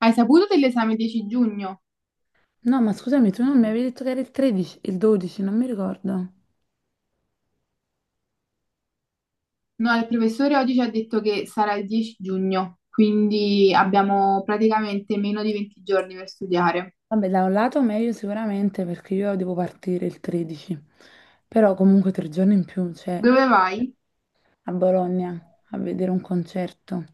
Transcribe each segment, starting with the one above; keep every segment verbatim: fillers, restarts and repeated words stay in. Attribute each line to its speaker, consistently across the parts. Speaker 1: Hai saputo dell'esame dieci giugno?
Speaker 2: No, ma scusami, tu non mi avevi detto che era il tredici, il dodici, non mi ricordo.
Speaker 1: No, il professore oggi ci ha detto che sarà il dieci giugno, quindi abbiamo praticamente meno di venti giorni per studiare.
Speaker 2: Vabbè, da un lato meglio sicuramente perché io devo partire il tredici, però comunque tre giorni in più, cioè
Speaker 1: Dove vai?
Speaker 2: a Bologna a vedere un concerto.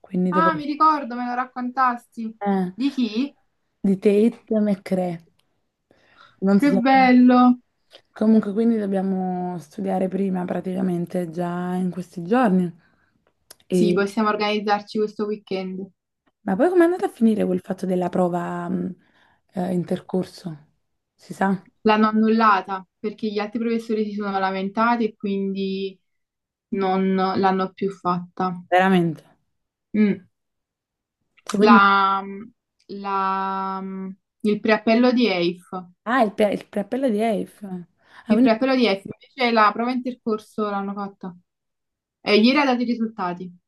Speaker 2: Quindi
Speaker 1: Ah,
Speaker 2: dovrei...
Speaker 1: mi ricordo, me lo raccontasti.
Speaker 2: Eh,
Speaker 1: Di chi?
Speaker 2: di Tate McRae. Non so
Speaker 1: Che
Speaker 2: se...
Speaker 1: bello!
Speaker 2: Comunque, quindi dobbiamo studiare prima praticamente già in questi giorni.
Speaker 1: Sì,
Speaker 2: E
Speaker 1: possiamo organizzarci questo weekend.
Speaker 2: ma poi com'è andata a finire quel fatto della prova mh, eh, intercorso? Si sa?
Speaker 1: L'hanno annullata perché gli altri professori si sono lamentati e quindi non l'hanno più fatta.
Speaker 2: Veramente?
Speaker 1: Mm.
Speaker 2: Cioè, quindi-
Speaker 1: La, la, il preappello di E I F.
Speaker 2: Ah, il, pre- il preappello di E I F. Ah,
Speaker 1: Il
Speaker 2: quindi-
Speaker 1: preappello di estro, invece la prova intercorso l'hanno fatta. E ieri ha dato i risultati.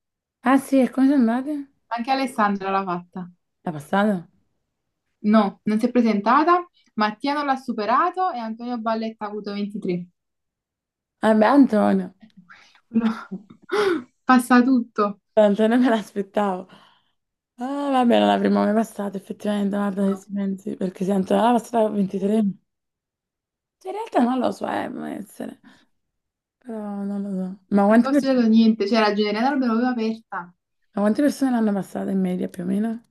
Speaker 2: Ah, sì, e come sono andate?
Speaker 1: Anche Alessandra l'ha fatta.
Speaker 2: È passato?
Speaker 1: No, non si è presentata. Mattia non l'ha superato e Antonio Balletta ha avuto ventitré.
Speaker 2: Ah, beh, Antonio.
Speaker 1: Quello- passa tutto.
Speaker 2: Antonio me l'aspettavo. Ah, vabbè, non l'avremmo mai passato, effettivamente, guarda se ci pensi, perché se Antonio l'ha passata a ventitré. Cioè, in realtà non lo so, eh, può essere, però non lo so. Ma
Speaker 1: Non
Speaker 2: quante,
Speaker 1: ho
Speaker 2: per-
Speaker 1: studiato niente, c'era Generata Alberova aperta.
Speaker 2: ma quante persone l'hanno passata in media più o meno?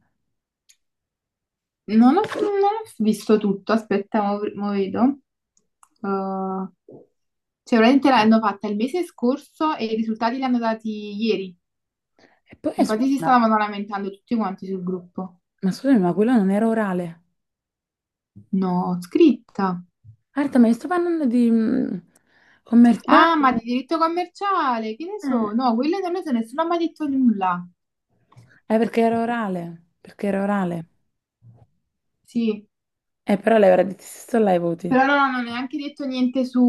Speaker 1: Non ho, non ho visto tutto, aspetta, mo, mo vedo. Uh, cioè, veramente l'hanno fatta il mese scorso e i risultati li hanno dati ieri.
Speaker 2: E poi, eh,
Speaker 1: Infatti
Speaker 2: scusa,
Speaker 1: si
Speaker 2: ma
Speaker 1: stavano lamentando tutti quanti sul gruppo.
Speaker 2: ma scusami, ma quello non era orale?
Speaker 1: No, scritta.
Speaker 2: Marta, ma io sto parlando di mm,
Speaker 1: Ah, ma di
Speaker 2: commerciale?
Speaker 1: diritto commerciale, che ne
Speaker 2: Eh,
Speaker 1: so? No, quelle non lo so, nessuno ha mai detto nulla.
Speaker 2: Eh, perché era orale, perché era orale.
Speaker 1: Sì,
Speaker 2: Eh, però lei avrà detto se sto là i voti.
Speaker 1: però non hanno neanche detto niente su,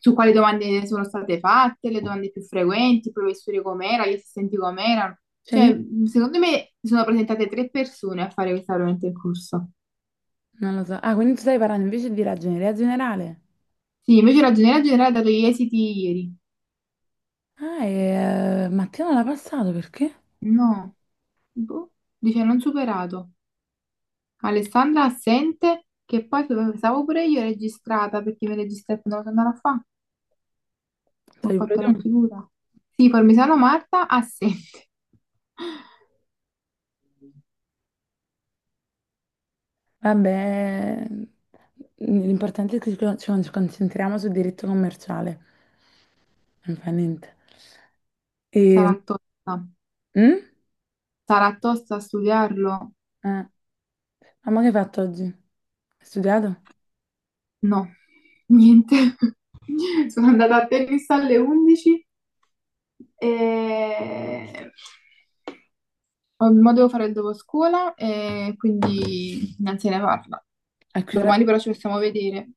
Speaker 1: su quali domande sono state fatte, le domande più frequenti, i professori com'era, gli assistenti com'erano.
Speaker 2: Cioè, ni-
Speaker 1: Cioè, secondo me si sono presentate tre persone a fare questa veramente il corso.
Speaker 2: non lo so. Ah, quindi tu stai parlando invece di ragioneria generale.
Speaker 1: Sì, invece la ragioneria generale ha dato gli esiti ieri.
Speaker 2: Ah, e eh, Mattia non l'ha passato, perché?
Speaker 1: No, boh, dice non superato. Alessandra assente, che poi pensavo pure io registrata perché mi registrate non sono andata a fa, ho
Speaker 2: Stai pure
Speaker 1: fatto
Speaker 2: tu.
Speaker 1: la figura. Sì, Parmigiano Marta assente.
Speaker 2: Vabbè, l'importante è che ci con- ci concentriamo sul diritto commerciale. Non fa niente. E...
Speaker 1: Sarà tosta.
Speaker 2: Mm?
Speaker 1: Sarà tosta studiarlo?
Speaker 2: Eh, Ma che hai fatto oggi? Hai studiato?
Speaker 1: No, niente. Sono andata a tennis alle undici e ho- mo devo fare il dopo scuola e quindi non se ne parla.
Speaker 2: A che ora?
Speaker 1: Domani però ci possiamo vedere.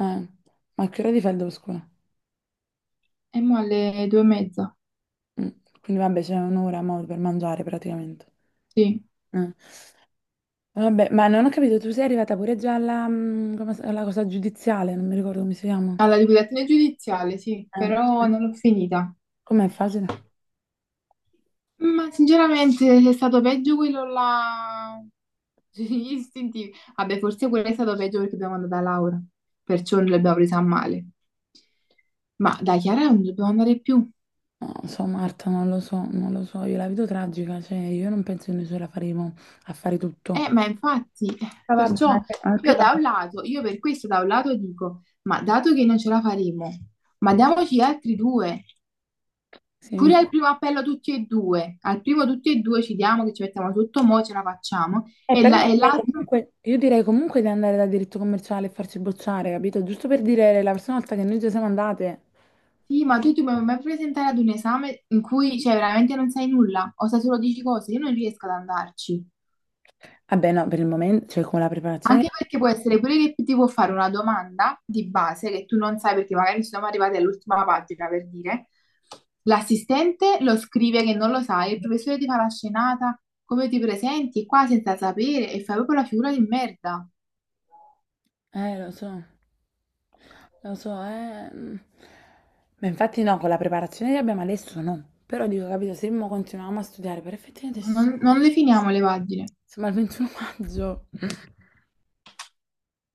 Speaker 2: Eh, ma che ora ti fai il dopo scuola?
Speaker 1: E mo alle due e mezza.
Speaker 2: Mm, quindi vabbè, c'è un'ora mo per mangiare praticamente.
Speaker 1: Sì,
Speaker 2: Eh, Vabbè, ma non ho capito, tu sei arrivata pure già alla, mm, come si- alla cosa giudiziale, non mi ricordo come si chiama.
Speaker 1: alla liquidazione giudiziale, sì,
Speaker 2: Eh,
Speaker 1: però non l'ho finita.
Speaker 2: Com'è facile?
Speaker 1: Ma sinceramente è stato peggio quello là sugli istintivi. Vabbè, forse quello è stato peggio perché abbiamo andata a Laura, perciò non l'abbiamo presa a male. Ma da Chiara non dobbiamo andare più.
Speaker 2: No, non lo so, Marta, non lo so, non lo so, io la vedo tragica, cioè io non penso che noi ce la faremo a fare tutto.
Speaker 1: Eh, ma infatti, eh,
Speaker 2: Ma vabbè, ma
Speaker 1: perciò
Speaker 2: che, ma che
Speaker 1: io
Speaker 2: va?
Speaker 1: da un lato, io per questo da un lato dico, ma dato che non ce la faremo, ma diamoci gli altri due.
Speaker 2: Sì,
Speaker 1: Pure al
Speaker 2: infatti.
Speaker 1: primo appello tutti e due, al primo tutti e due ci diamo che ci mettiamo sotto, mo ce la facciamo,
Speaker 2: Eh,
Speaker 1: e
Speaker 2: però
Speaker 1: la-
Speaker 2: io
Speaker 1: e
Speaker 2: direi
Speaker 1: l'altro,
Speaker 2: comunque, io direi comunque di andare da diritto commerciale e farci bocciare, capito? Giusto per dire la prossima volta che noi già siamo andate.
Speaker 1: sì, ma tu ti puoi mai presentare ad un esame in cui, cioè, veramente non sai nulla, o sai solo dieci cose, io non riesco ad andarci.
Speaker 2: Vabbè, no, per il momento, cioè con la preparazione...
Speaker 1: Anche perché può essere pure che ti può fare una domanda di base che tu non sai perché magari siamo arrivati all'ultima pagina, per dire, l'assistente lo scrive che non lo sai, il professore ti fa la scenata, come ti presenti qua senza sapere, e fai proprio la figura di merda.
Speaker 2: Eh, lo so, lo so, eh. Mm. Ma infatti no, con la preparazione che abbiamo adesso no. Però dico, capito, se mo continuiamo a studiare, per effettivamente ci
Speaker 1: Ma Non,
Speaker 2: siamo
Speaker 1: non le finiamo le pagine.
Speaker 2: siamo al ventuno maggio,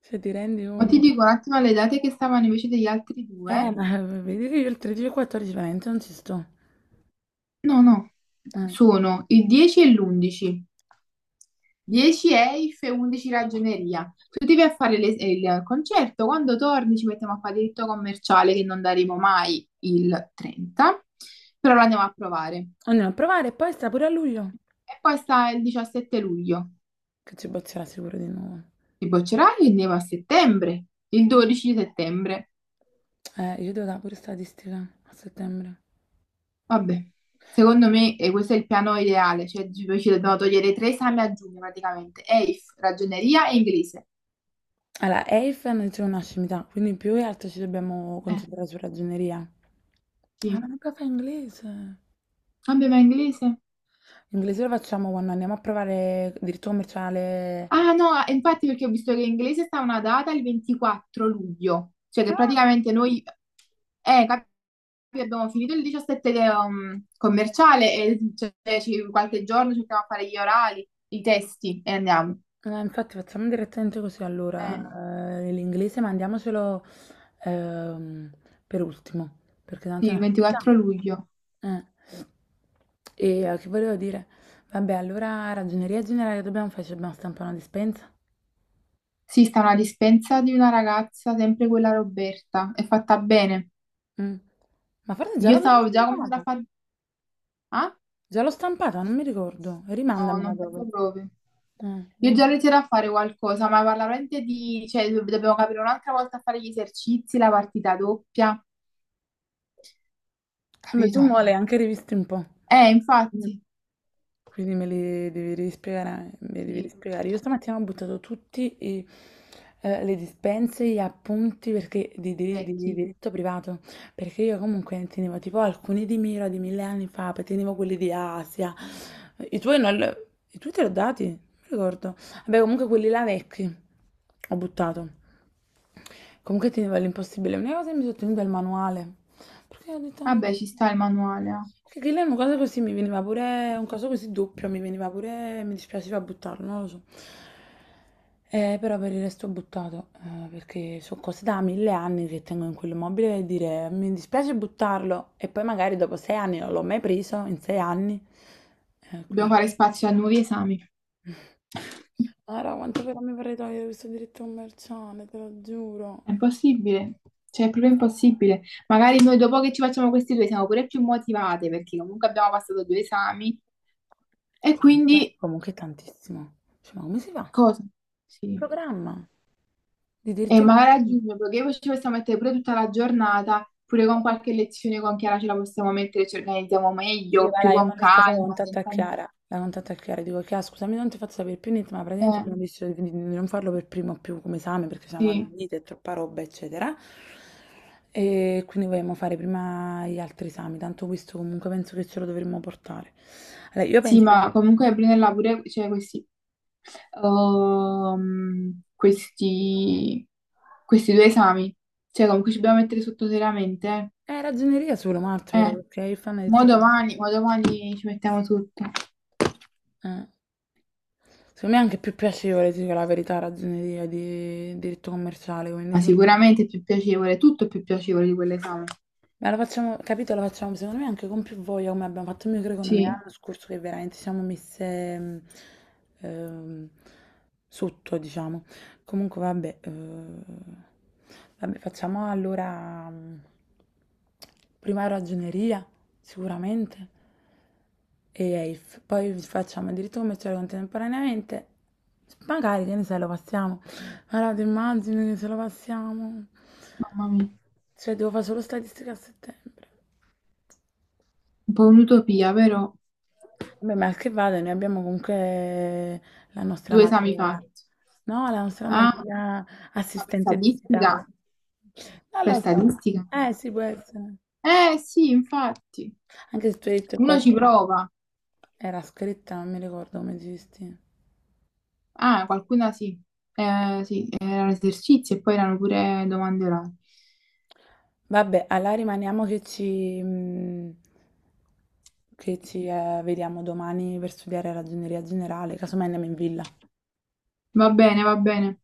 Speaker 2: se ti rendi
Speaker 1: Ma ti
Speaker 2: conto.
Speaker 1: dico un attimo le date che stavano invece degli altri
Speaker 2: Eh,
Speaker 1: due.
Speaker 2: ma vedi che io il tredici e il quattordici veramente non ci sto.
Speaker 1: No, no.
Speaker 2: Eh.
Speaker 1: Sono il dieci e l'undici. dieci E I F e undici Ragioneria. Tu ti vai a fare le- il concerto, quando torni ci mettiamo a fare diritto commerciale che non daremo mai il trenta, però lo andiamo a provare.
Speaker 2: Andiamo a provare e poi sta pure a luglio,
Speaker 1: E poi sta il diciassette luglio.
Speaker 2: che ci bozzerà sicuro di nuovo.
Speaker 1: Ti boccerai e andiamo a settembre, il dodici di settembre.
Speaker 2: Eh, io devo dare pure statistica a settembre.
Speaker 1: Vabbè, secondo me eh, questo è il piano ideale, cioè tipo, ci dobbiamo togliere tre esami a giugno praticamente, E I F, ragioneria e inglese.
Speaker 2: Allora, E I F non dice una scimità, quindi più che altro ci dobbiamo
Speaker 1: Eh,
Speaker 2: concentrare su ragioneria. Ah, ma
Speaker 1: sì.
Speaker 2: non caffè inglese.
Speaker 1: Vabbè, ma inglese?
Speaker 2: Inglese lo facciamo quando andiamo a provare diritto commerciale.
Speaker 1: Ah no, eh, infatti perché ho visto che in inglese sta una data il ventiquattro luglio, cioè che
Speaker 2: Ah,
Speaker 1: praticamente noi, eh, cap- abbiamo finito il diciassette de- um, commerciale e cioè, ci- qualche giorno cerchiamo a fare gli orali, i testi e andiamo.
Speaker 2: eh, infatti facciamo direttamente così
Speaker 1: Eh,
Speaker 2: allora. Eh, l'inglese mandiamocelo ehm, per ultimo, perché tanto
Speaker 1: sì,
Speaker 2: è
Speaker 1: il
Speaker 2: una finta.
Speaker 1: ventiquattro luglio.
Speaker 2: Eh. E eh, che volevo dire? Vabbè, allora ragioneria generale dobbiamo fare, ci dobbiamo stampare una dispensa.
Speaker 1: Sì, sta una dispensa di una ragazza, sempre quella Roberta, è fatta bene.
Speaker 2: Mm. Ma forse già
Speaker 1: Io
Speaker 2: l'abbiamo
Speaker 1: stavo già cominciando a
Speaker 2: stampata.
Speaker 1: fare... Ah?
Speaker 2: Già l'ho stampata, non mi ricordo.
Speaker 1: No,
Speaker 2: Rimandamela
Speaker 1: non
Speaker 2: dopo.
Speaker 1: penso proprio.
Speaker 2: Eh,
Speaker 1: Io già ho
Speaker 2: rimandamela.
Speaker 1: iniziato a fare qualcosa, ma parla veramente di... Cioè, do- dobbiamo capire un'altra volta a fare gli esercizi, la partita doppia,
Speaker 2: Beh, tu
Speaker 1: capito?
Speaker 2: mo le hai anche rivisti un po',
Speaker 1: Eh,
Speaker 2: mm,
Speaker 1: infatti,
Speaker 2: quindi me li devi rispiegare, me li devi
Speaker 1: sì,
Speaker 2: rispiegare. Io stamattina ho buttato tutti i, eh, le dispense, gli appunti perché, di, di- di- di
Speaker 1: vecchi.
Speaker 2: diritto privato, perché io comunque ne tenevo tipo alcuni di Mira di mille anni fa, poi tenevo quelli di Asia, i tuoi, non, li- i tuoi te li ho dati, non mi ricordo. Vabbè, comunque quelli là vecchi, ho buttato. Comunque tenevo l'impossibile, una cosa che mi sono tenuta è il manuale. Perché ho detto... "Mm".
Speaker 1: Vabbè, ci sta il manuale, ah.
Speaker 2: Che che lei è una cosa così mi veniva pure, un caso così doppio, mi veniva pure, mi dispiaceva buttarlo, non lo so. Eh, però per il resto ho buttato, eh, perché sono cose da mille anni che tengo in quell'immobile e dire mi dispiace buttarlo e poi magari dopo sei anni non l'ho mai preso, in sei anni. Eh,
Speaker 1: Dobbiamo
Speaker 2: quindi...
Speaker 1: fare spazio a nuovi esami.
Speaker 2: Allora, quanto però mi vorrei togliere questo diritto commerciale, te lo giuro.
Speaker 1: È impossibile, cioè è proprio impossibile. Magari noi dopo che ci facciamo questi due siamo pure più motivate, perché comunque abbiamo passato due esami. E
Speaker 2: Comunque,
Speaker 1: quindi
Speaker 2: comunque è tantissimo. Cioè, ma come si fa?
Speaker 1: cosa? Sì.
Speaker 2: Programma. Di
Speaker 1: E
Speaker 2: diritto?
Speaker 1: magari a giugno, perché poi ci possiamo mettere pure tutta la giornata, pure con qualche lezione con Chiara ce la possiamo mettere, ci organizziamo
Speaker 2: Sì,
Speaker 1: meglio,
Speaker 2: va
Speaker 1: più
Speaker 2: là, io
Speaker 1: con
Speaker 2: mi caso la
Speaker 1: calma,
Speaker 2: contatto a
Speaker 1: senza...
Speaker 2: Chiara. La contatto a Chiara, dico, Chiara, scusami, non ti faccio sapere più niente, ma praticamente
Speaker 1: Eh,
Speaker 2: abbiamo deciso di, di- di non farlo per primo più come esame perché siamo
Speaker 1: sì.
Speaker 2: avvenite, è troppa roba, eccetera. E quindi vogliamo fare prima gli altri esami, tanto questo comunque penso che ce lo dovremmo portare. Allora, io
Speaker 1: Sì,
Speaker 2: penso...
Speaker 1: ma comunque prenderla pure, cioè questi, ehm, questi, questi due esami, cioè comunque ci dobbiamo mettere sotto seriamente.
Speaker 2: È ragioneria solo, Marto,
Speaker 1: Eh,
Speaker 2: però,
Speaker 1: Eh,
Speaker 2: perché il fan ha
Speaker 1: mo
Speaker 2: detto...
Speaker 1: domani, mo domani ci mettiamo tutto,
Speaker 2: Eh. Secondo me è anche più piacevole, dico la verità, ragioneria di diritto commerciale, quindi
Speaker 1: ma
Speaker 2: secondo me...
Speaker 1: sicuramente è più piacevole, tutto è più piacevole di quell'esame.
Speaker 2: Ma la facciamo, capito, la facciamo secondo me anche con più voglia come abbiamo fatto in microeconomia
Speaker 1: Sì.
Speaker 2: l'anno scorso che veramente siamo messe mh, ehm, sotto, diciamo. Comunque vabbè, eh, vabbè, facciamo allora mh, prima ragioneria, sicuramente e Elf. Poi facciamo il diritto commerciale contemporaneamente. Magari, che ne sai, lo passiamo. Allora, ti immagini che se lo passiamo?
Speaker 1: Mamma mia,
Speaker 2: Cioè, devo fare solo statistica a settembre.
Speaker 1: un po' un'utopia, però
Speaker 2: Vabbè, ma che vada, noi abbiamo comunque la nostra
Speaker 1: due esami
Speaker 2: materia,
Speaker 1: fatti.
Speaker 2: no? La nostra
Speaker 1: Ah,
Speaker 2: materia
Speaker 1: ma per
Speaker 2: assistente digitale.
Speaker 1: statistica?
Speaker 2: Non
Speaker 1: Per
Speaker 2: lo so.
Speaker 1: statistica?
Speaker 2: Eh, sì, può essere.
Speaker 1: Eh sì, infatti,
Speaker 2: Anche se tu hai detto che
Speaker 1: uno ci
Speaker 2: qualcuno
Speaker 1: prova.
Speaker 2: era scritta, non mi ricordo come esisti.
Speaker 1: Ah, qualcuna sì. Eh, sì, erano esercizi e poi erano pure domande orali.
Speaker 2: Vabbè, allora rimaniamo che ci, mm, che ci eh, vediamo domani per studiare ragioneria generale, casomai andiamo in villa.
Speaker 1: Va bene, va bene.